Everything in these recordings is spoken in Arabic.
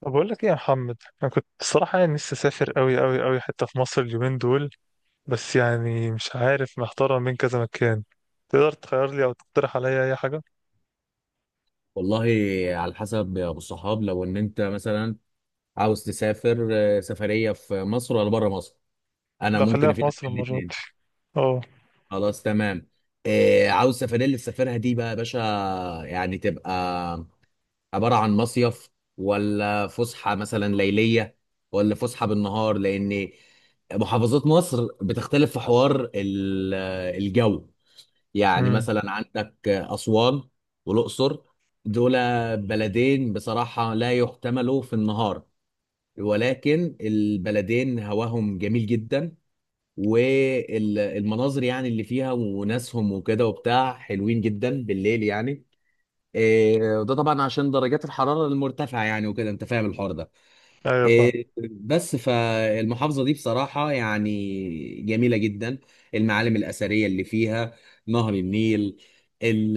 طب، بقول لك ايه يا محمد؟ انا كنت الصراحه يعني نفسي اسافر قوي قوي قوي حته في مصر اليومين دول. بس يعني مش عارف، محتار بين كذا مكان. تقدر تخير لي او تقترح عليا اي حاجه؟ والله، على حسب يا ابو الصحاب. لو ان انت مثلا عاوز تسافر، سفريه في مصر ولا بره مصر؟ انا لا، ممكن خليها في افيدك مصر في المره الاثنين. دي. اه. خلاص، تمام. عاوز السفريه اللي تسافرها دي بقى يا باشا، يعني تبقى عباره عن مصيف، ولا فسحه مثلا ليليه، ولا فسحه بالنهار؟ لان محافظات مصر بتختلف في حوار الجو. يعني امم. مثلا عندك أسوان والأقصر، دول بلدين بصراحة لا يحتملوا في النهار، ولكن البلدين هواهم جميل جدا، والمناظر يعني اللي فيها وناسهم وكده وبتاع حلوين جدا بالليل يعني. وده طبعا عشان درجات الحرارة المرتفعة يعني، وكده انت فاهم الحوار ده. ايوه، فاهم. بس فالمحافظة دي بصراحة يعني جميلة جدا، المعالم الأثرية اللي فيها، نهر النيل، ال-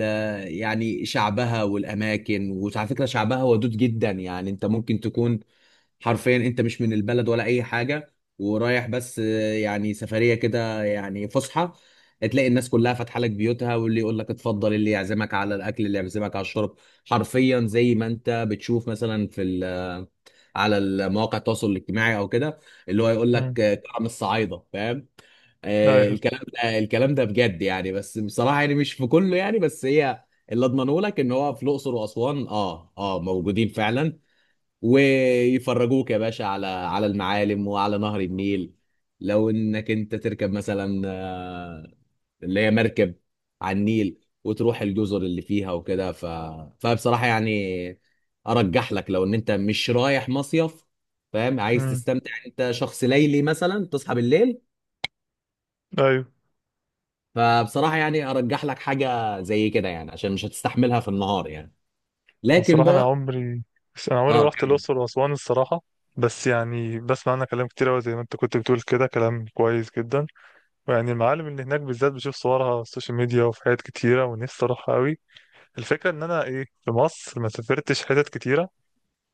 يعني شعبها والأماكن. وعلى فكرة شعبها ودود جدا، يعني أنت ممكن تكون حرفيا انت مش من البلد ولا اي حاجه ورايح، بس يعني سفريه كده، يعني فسحه، تلاقي الناس كلها فاتحه لك بيوتها، واللي يقول لك اتفضل، اللي يعزمك على الاكل، اللي يعزمك على الشرب. حرفيا زي ما انت بتشوف مثلا في ال- آه، على المواقع التواصل الاجتماعي او كده، اللي هو يقول امم. لك، كرم الصعايده فاهم. ايوه. الكلام ده الكلام ده بجد يعني، بس بصراحه يعني مش في كله يعني، بس هي اللي اضمنه لك ان هو في الاقصر واسوان موجودين فعلا، ويفرجوك يا باشا على المعالم وعلى نهر النيل. لو انك انت تركب مثلا، اللي هي مركب على النيل، وتروح الجزر اللي فيها وكده، فبصراحة يعني ارجح لك لو ان انت مش رايح مصيف فاهم، عايز امم. تستمتع، انت شخص ليلي مثلا تصحى بالليل، ايوه. فبصراحة يعني ارجح لك حاجة زي كده، يعني عشان مش هتستحملها في النهار يعني. لكن الصراحه انا بقى عمري، بس انا عمري ما اه رحت كم. الاقصر واسوان الصراحه. بس يعني بسمع عنها كلام كتير قوي زي ما انت كنت بتقول كده، كلام كويس جدا. ويعني المعالم اللي هناك بالذات بشوف صورها على السوشيال ميديا وفي حاجات كتيره، ونفسي اروحها قوي. الفكرة إن أنا إيه، في مصر ما سافرتش حتت كتيرة.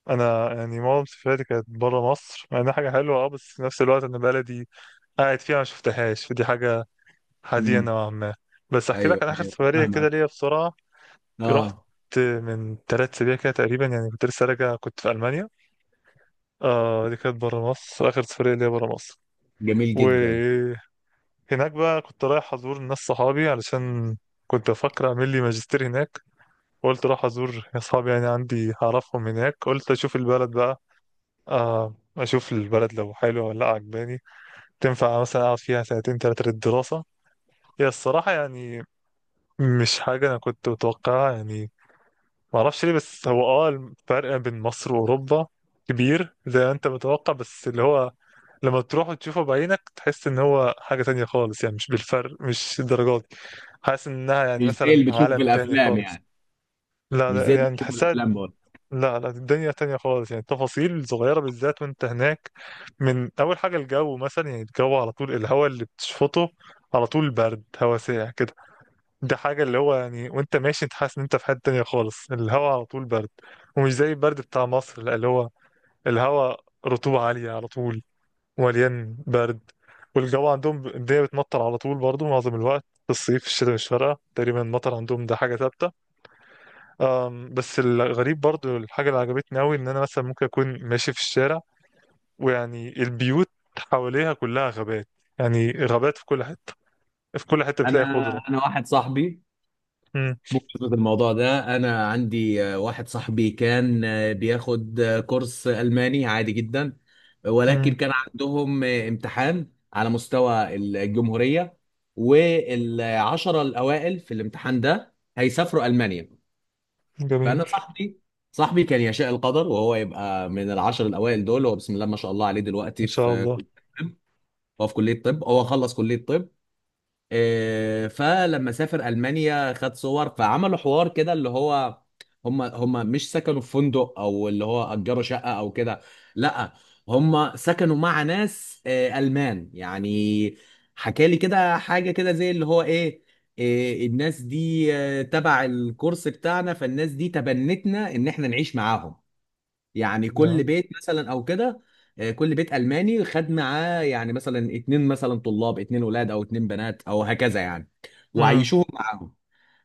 أنا يعني معظم سفرياتي كانت برا مصر، مع إنها حاجة حلوة. أه بس في نفس الوقت أنا بلدي قاعد فيها ما شفتهاش، فدي حاجة حزينة مم. نوعا ما. بس أحكي لك ايوه، عن آخر ايوه، سفرية كده فاهمك. ليا بسرعة. رحت اه، من 3 أسابيع كده تقريبا، يعني كنت لسه راجع، كنت في ألمانيا. دي كانت برا مصر، آخر سفرية ليا برا مصر. جميل جدا. وهناك بقى كنت رايح أزور ناس صحابي علشان كنت بفكر أعمل لي ماجستير هناك. قلت اروح ازور اصحابي، يعني عندي هعرفهم هناك، قلت اشوف البلد بقى. اشوف البلد لو حلوه ولا لا عجباني، تنفع مثلا اقعد فيها سنتين تلاتة للدراسه. هي الصراحه يعني مش حاجه انا كنت متوقعها يعني. ما اعرفش ليه، بس هو الفرق بين مصر واوروبا كبير زي ما انت متوقع، بس اللي هو لما تروح وتشوفه بعينك تحس ان هو حاجه تانية خالص، يعني مش بالفرق، مش الدرجات دي. حاسس انها يعني مش زي مثلا اللي بتشوفه في عالم تاني الافلام خالص. يعني. لا مش زي لا، اللي يعني بتشوفه في تحسها. الافلام برضه. لا لا، الدنيا تانية خالص، يعني التفاصيل صغيرة بالذات وانت هناك. من أول حاجة الجو مثلا، يعني الجو على طول، الهواء اللي بتشفطه على طول برد، هواء ساقع كده. ده حاجة اللي هو يعني وانت ماشي انت حاسس ان انت في حتة تانية خالص، الهواء على طول برد. ومش زي البرد بتاع مصر، لا، اللي هو الهواء رطوبة عالية على طول، مليان برد. والجو عندهم الدنيا بتمطر على طول برضه، معظم الوقت، في الصيف في الشتاء مش فارقة تقريبا، المطر عندهم ده حاجة ثابتة. بس الغريب برضو الحاجة اللي عجبتني أوي إن أنا مثلا ممكن أكون ماشي في الشارع، ويعني البيوت حواليها كلها غابات، يعني غابات في كل حتة، في كل حتة انا بتلاقي خضرة. انا واحد صاحبي، مم. بخصوص الموضوع ده انا عندي واحد صاحبي كان بياخد كورس الماني عادي جدا، ولكن مم. كان عندهم امتحان على مستوى الجمهوريه، والعشره الاوائل في الامتحان ده هيسافروا المانيا. جميل، فانا صاحبي كان يشاء القدر وهو يبقى من العشر الاوائل دول. هو بسم الله ما شاء الله عليه ما دلوقتي شاء الله هو في كلية طب، هو خلص كلية طب. فلما سافر المانيا خد صور، فعملوا حوار كده اللي هو هم مش سكنوا في فندق، او اللي هو اجروا شقه او كده. لا، هم سكنوا مع ناس المان يعني. حكى لي كده حاجه كده زي اللي هو ايه، الناس دي تبع الكورس بتاعنا، فالناس دي تبنتنا ان احنا نعيش معاهم. يعني يا. كل بيت مثلا او كده، كل بيت الماني خد معاه يعني مثلا اتنين، مثلا طلاب اتنين ولاد او اتنين بنات او هكذا يعني، مم. وعيشوهم معاهم.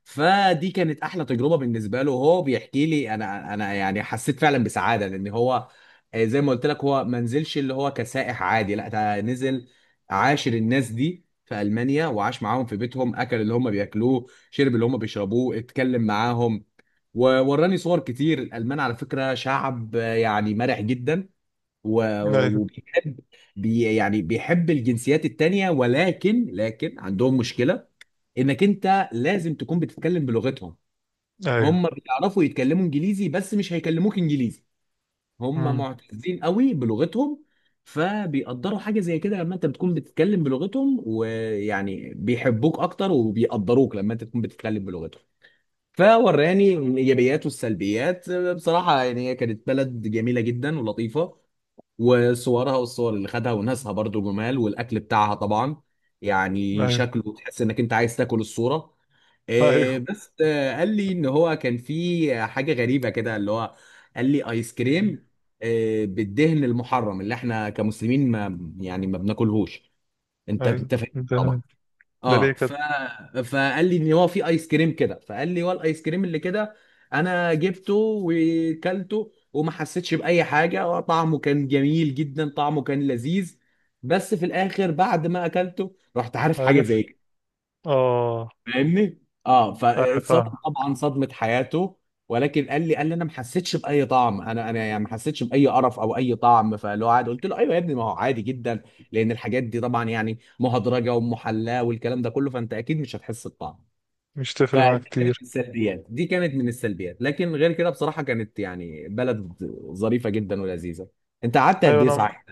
فدي كانت احلى تجربه بالنسبه له، هو بيحكي لي انا يعني حسيت فعلا بسعاده، لان هو زي ما قلت لك هو ما نزلش اللي هو كسائح عادي، لا ده نزل عاشر الناس دي في المانيا، وعاش معاهم في بيتهم، اكل اللي هم بياكلوه، شرب اللي هم بيشربوه، اتكلم معاهم. ووراني صور كتير. الالمان على فكره شعب يعني مرح جدا، أيوه، وبيحب، يعني بيحب الجنسيات التانيه، ولكن لكن عندهم مشكله، انك انت لازم تكون بتتكلم بلغتهم. أيوه. هم بيعرفوا يتكلموا انجليزي بس مش هيكلموك انجليزي، هم مم. معتزين قوي بلغتهم. فبيقدروا حاجه زي كده لما انت بتكون بتتكلم بلغتهم، ويعني بيحبوك اكتر وبيقدروك لما انت تكون بتتكلم بلغتهم. فوراني الايجابيات والسلبيات. بصراحه يعني هي كانت بلد جميله جدا ولطيفه، وصورها والصور اللي خدها وناسها برضو جمال، والاكل بتاعها طبعا يعني أيوه، شكله تحس انك انت عايز تاكل الصوره. أيوه. بس قال لي ان هو كان في حاجه غريبه كده اللي هو، قال لي ايس كريم بالدهن المحرم اللي احنا كمسلمين ما يعني ما بناكلهوش، انت أيوه، انت فاهم طبعا. ده ليه اه، كده؟ فقال لي ان هو في ايس كريم كده، فقال لي هو الايس كريم اللي كده انا جبته وكلته، وما حسيتش باي حاجه، طعمه كان جميل جدا، طعمه كان لذيذ. بس في الاخر بعد ما اكلته رحت عارف حاجه عارف. زي كده، آه. فاهمني، اه أيوه، فاتصدم فاهم. طبعا صدمه حياته. ولكن قال لي انا ما حسيتش باي طعم، انا يعني ما حسيتش باي قرف او اي طعم، فاللي هو عادي. قلت له ايوه يا ابني، ما هو عادي جدا، لان الحاجات دي طبعا يعني مهدرجه ومحلاه والكلام ده كله، فانت اكيد مش هتحس بطعم. مش تفرق معايا فدي كانت من كتير. السلبيات، دي كانت من السلبيات. لكن غير كده بصراحه كانت يعني بلد ظريفه جدا ولذيذه. انت قعدت قد أيوه ايه أنا، صحيح؟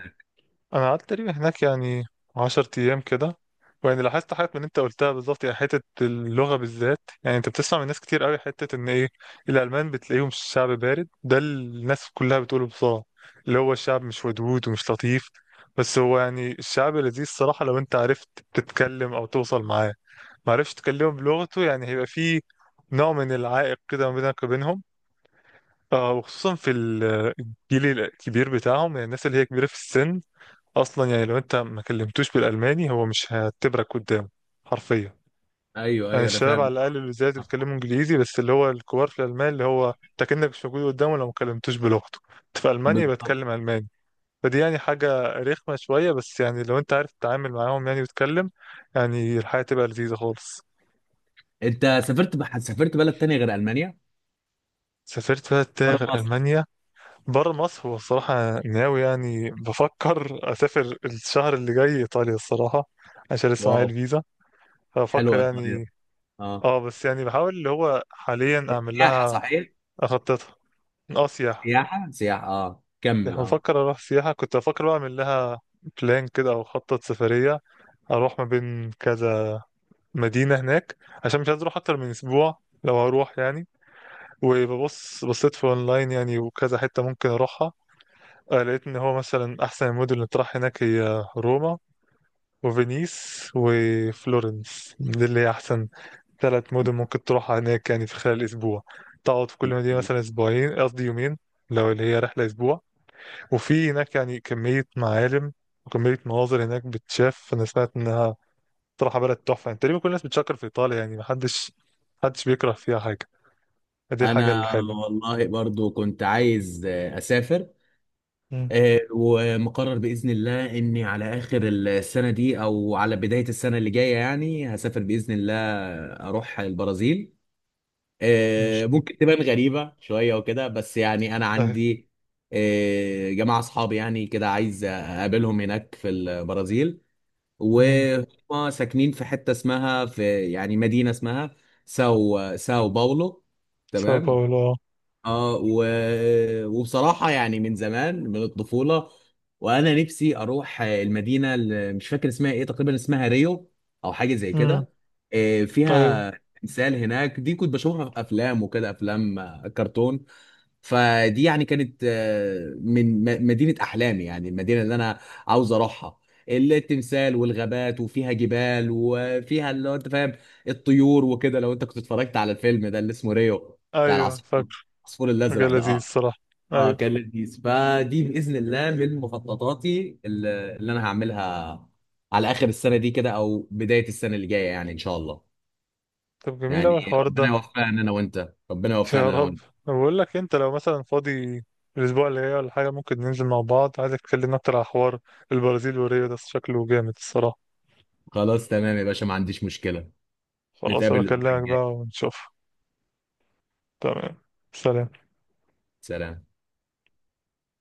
انا قعدت تقريبا هناك يعني 10 ايام كده. ويعني لاحظت حاجات من اللي انت قلتها بالظبط، يعني حته اللغه بالذات، يعني انت بتسمع من ناس كتير قوي حته ان ايه، الالمان بتلاقيهم شعب بارد، ده اللي الناس كلها بتقوله بصراحه، اللي هو الشعب مش ودود ومش لطيف. بس هو يعني الشعب لذيذ الصراحه لو انت عرفت تتكلم او توصل معاه. ما عرفتش تكلمه بلغته يعني هيبقى فيه نوع من العائق كده ما بينك وبينهم. وخصوصا في الجيل الكبير بتاعهم، يعني الناس اللي هي كبيرة في السن اصلا، يعني لو انت ما كلمتوش بالالماني هو مش هيعتبرك قدامه حرفيا. ايوه، يعني ايوه، انا الشباب على فاهم. الاقل اللي زيادة بيتكلموا انجليزي، بس اللي هو الكبار في الالمان، اللي هو انت كأنك مش موجود قدامه لو ما كلمتوش بلغته. انت في المانيا بالضبط. بتكلم الماني. فدي يعني حاجة رخمة شوية، بس يعني لو انت عارف تتعامل معاهم يعني وتتكلم، يعني الحياة تبقى لذيذة خالص. انت سافرت بلد تانية غير المانيا سافرت بلد تاني بره غير مصر؟ ألمانيا. بره مصر، هو الصراحة أنا ناوي يعني بفكر أسافر الشهر اللي جاي إيطاليا الصراحة، عشان لسه معايا واو، الفيزا. فأفكر حلوة إيطاليا. يعني. اه، اه. بس يعني بحاول اللي هو حاليا اعمل سياحة لها، صحيح؟ اخططها. اه، سياحة. سياحة سياحة، اه يعني كمل اه. بفكر اروح سياحة، كنت بفكر بقى اعمل لها بلان كده او اخطط سفرية، اروح ما بين كذا مدينة هناك، عشان مش عايز اروح اكتر من اسبوع لو هروح يعني. وببص، بصيت في اونلاين يعني، وكذا حتة ممكن اروحها. لقيت ان هو مثلا احسن المدن اللي تروح هناك هي روما وفينيس وفلورنس، دي اللي هي احسن 3 مدن ممكن تروحها هناك يعني في خلال اسبوع. تقعد في كل مدينة مثلا اسبوعين، قصدي يومين، لو اللي هي رحلة اسبوع. وفي هناك يعني كمية معالم وكمية مناظر هناك بتشاف. انا سمعت انها صراحة بلد تحفة، يعني تقريبا كل الناس بتشكر في ايطاليا، يعني محدش بيكره فيها حاجة. دي الحاجة أنا الحلوة. والله برضو كنت عايز أسافر، مم. ومقرر بإذن الله إني على آخر السنة دي أو على بداية السنة اللي جاية، يعني هسافر بإذن الله أروح البرازيل. مش- ممكن تبان غريبة شوية وكده، بس يعني أنا اهي. عندي جماعة أصحابي يعني كده عايز أقابلهم هناك في البرازيل، مم. وهم ساكنين في حته اسمها، في يعني مدينه اسمها ساو باولو. ساو تمام. باولو، اه. اه و... وبصراحه يعني من زمان من الطفوله، وانا نفسي اروح المدينه اللي مش فاكر اسمها ايه، تقريبا اسمها ريو او حاجه زي أمم، كده، ايوه، فيها تمثال هناك. دي كنت بشوفها في افلام وكده، افلام كرتون. فدي يعني كانت، من مدينة أحلامي، يعني المدينة اللي أنا عاوز أروحها، التمثال والغابات وفيها جبال وفيها اللي هو أنت فاهم الطيور وكده. لو أنت كنت اتفرجت على الفيلم ده اللي اسمه ريو بتاع ايوه، العصفور، فاكر. العصفور مجال الأزرق ده، لذيذ أه. الصراحة. أه ايوه. كان لذيذ. فدي بإذن الله من مخططاتي اللي أنا هعملها على آخر السنة دي كده أو بداية السنة اللي جاية، يعني إن شاء الله. طب جميل اوي يعني الحوار ربنا ده. يوفقنا أنا وأنت، ربنا يا يوفقنا أنا رب. وأنت. أنا بقول لك انت لو مثلا فاضي الاسبوع اللي جاي ولا حاجه، ممكن ننزل مع بعض، عايزك تكلمنا اكتر على حوار البرازيل وريو، ده شكله جامد الصراحه. خلاص تمام يا باشا، ما عنديش مشكلة. خلاص، انا نتقابل الأسبوع بكلمك بقى الجاي. ونشوف. تمام. سلام. سلام.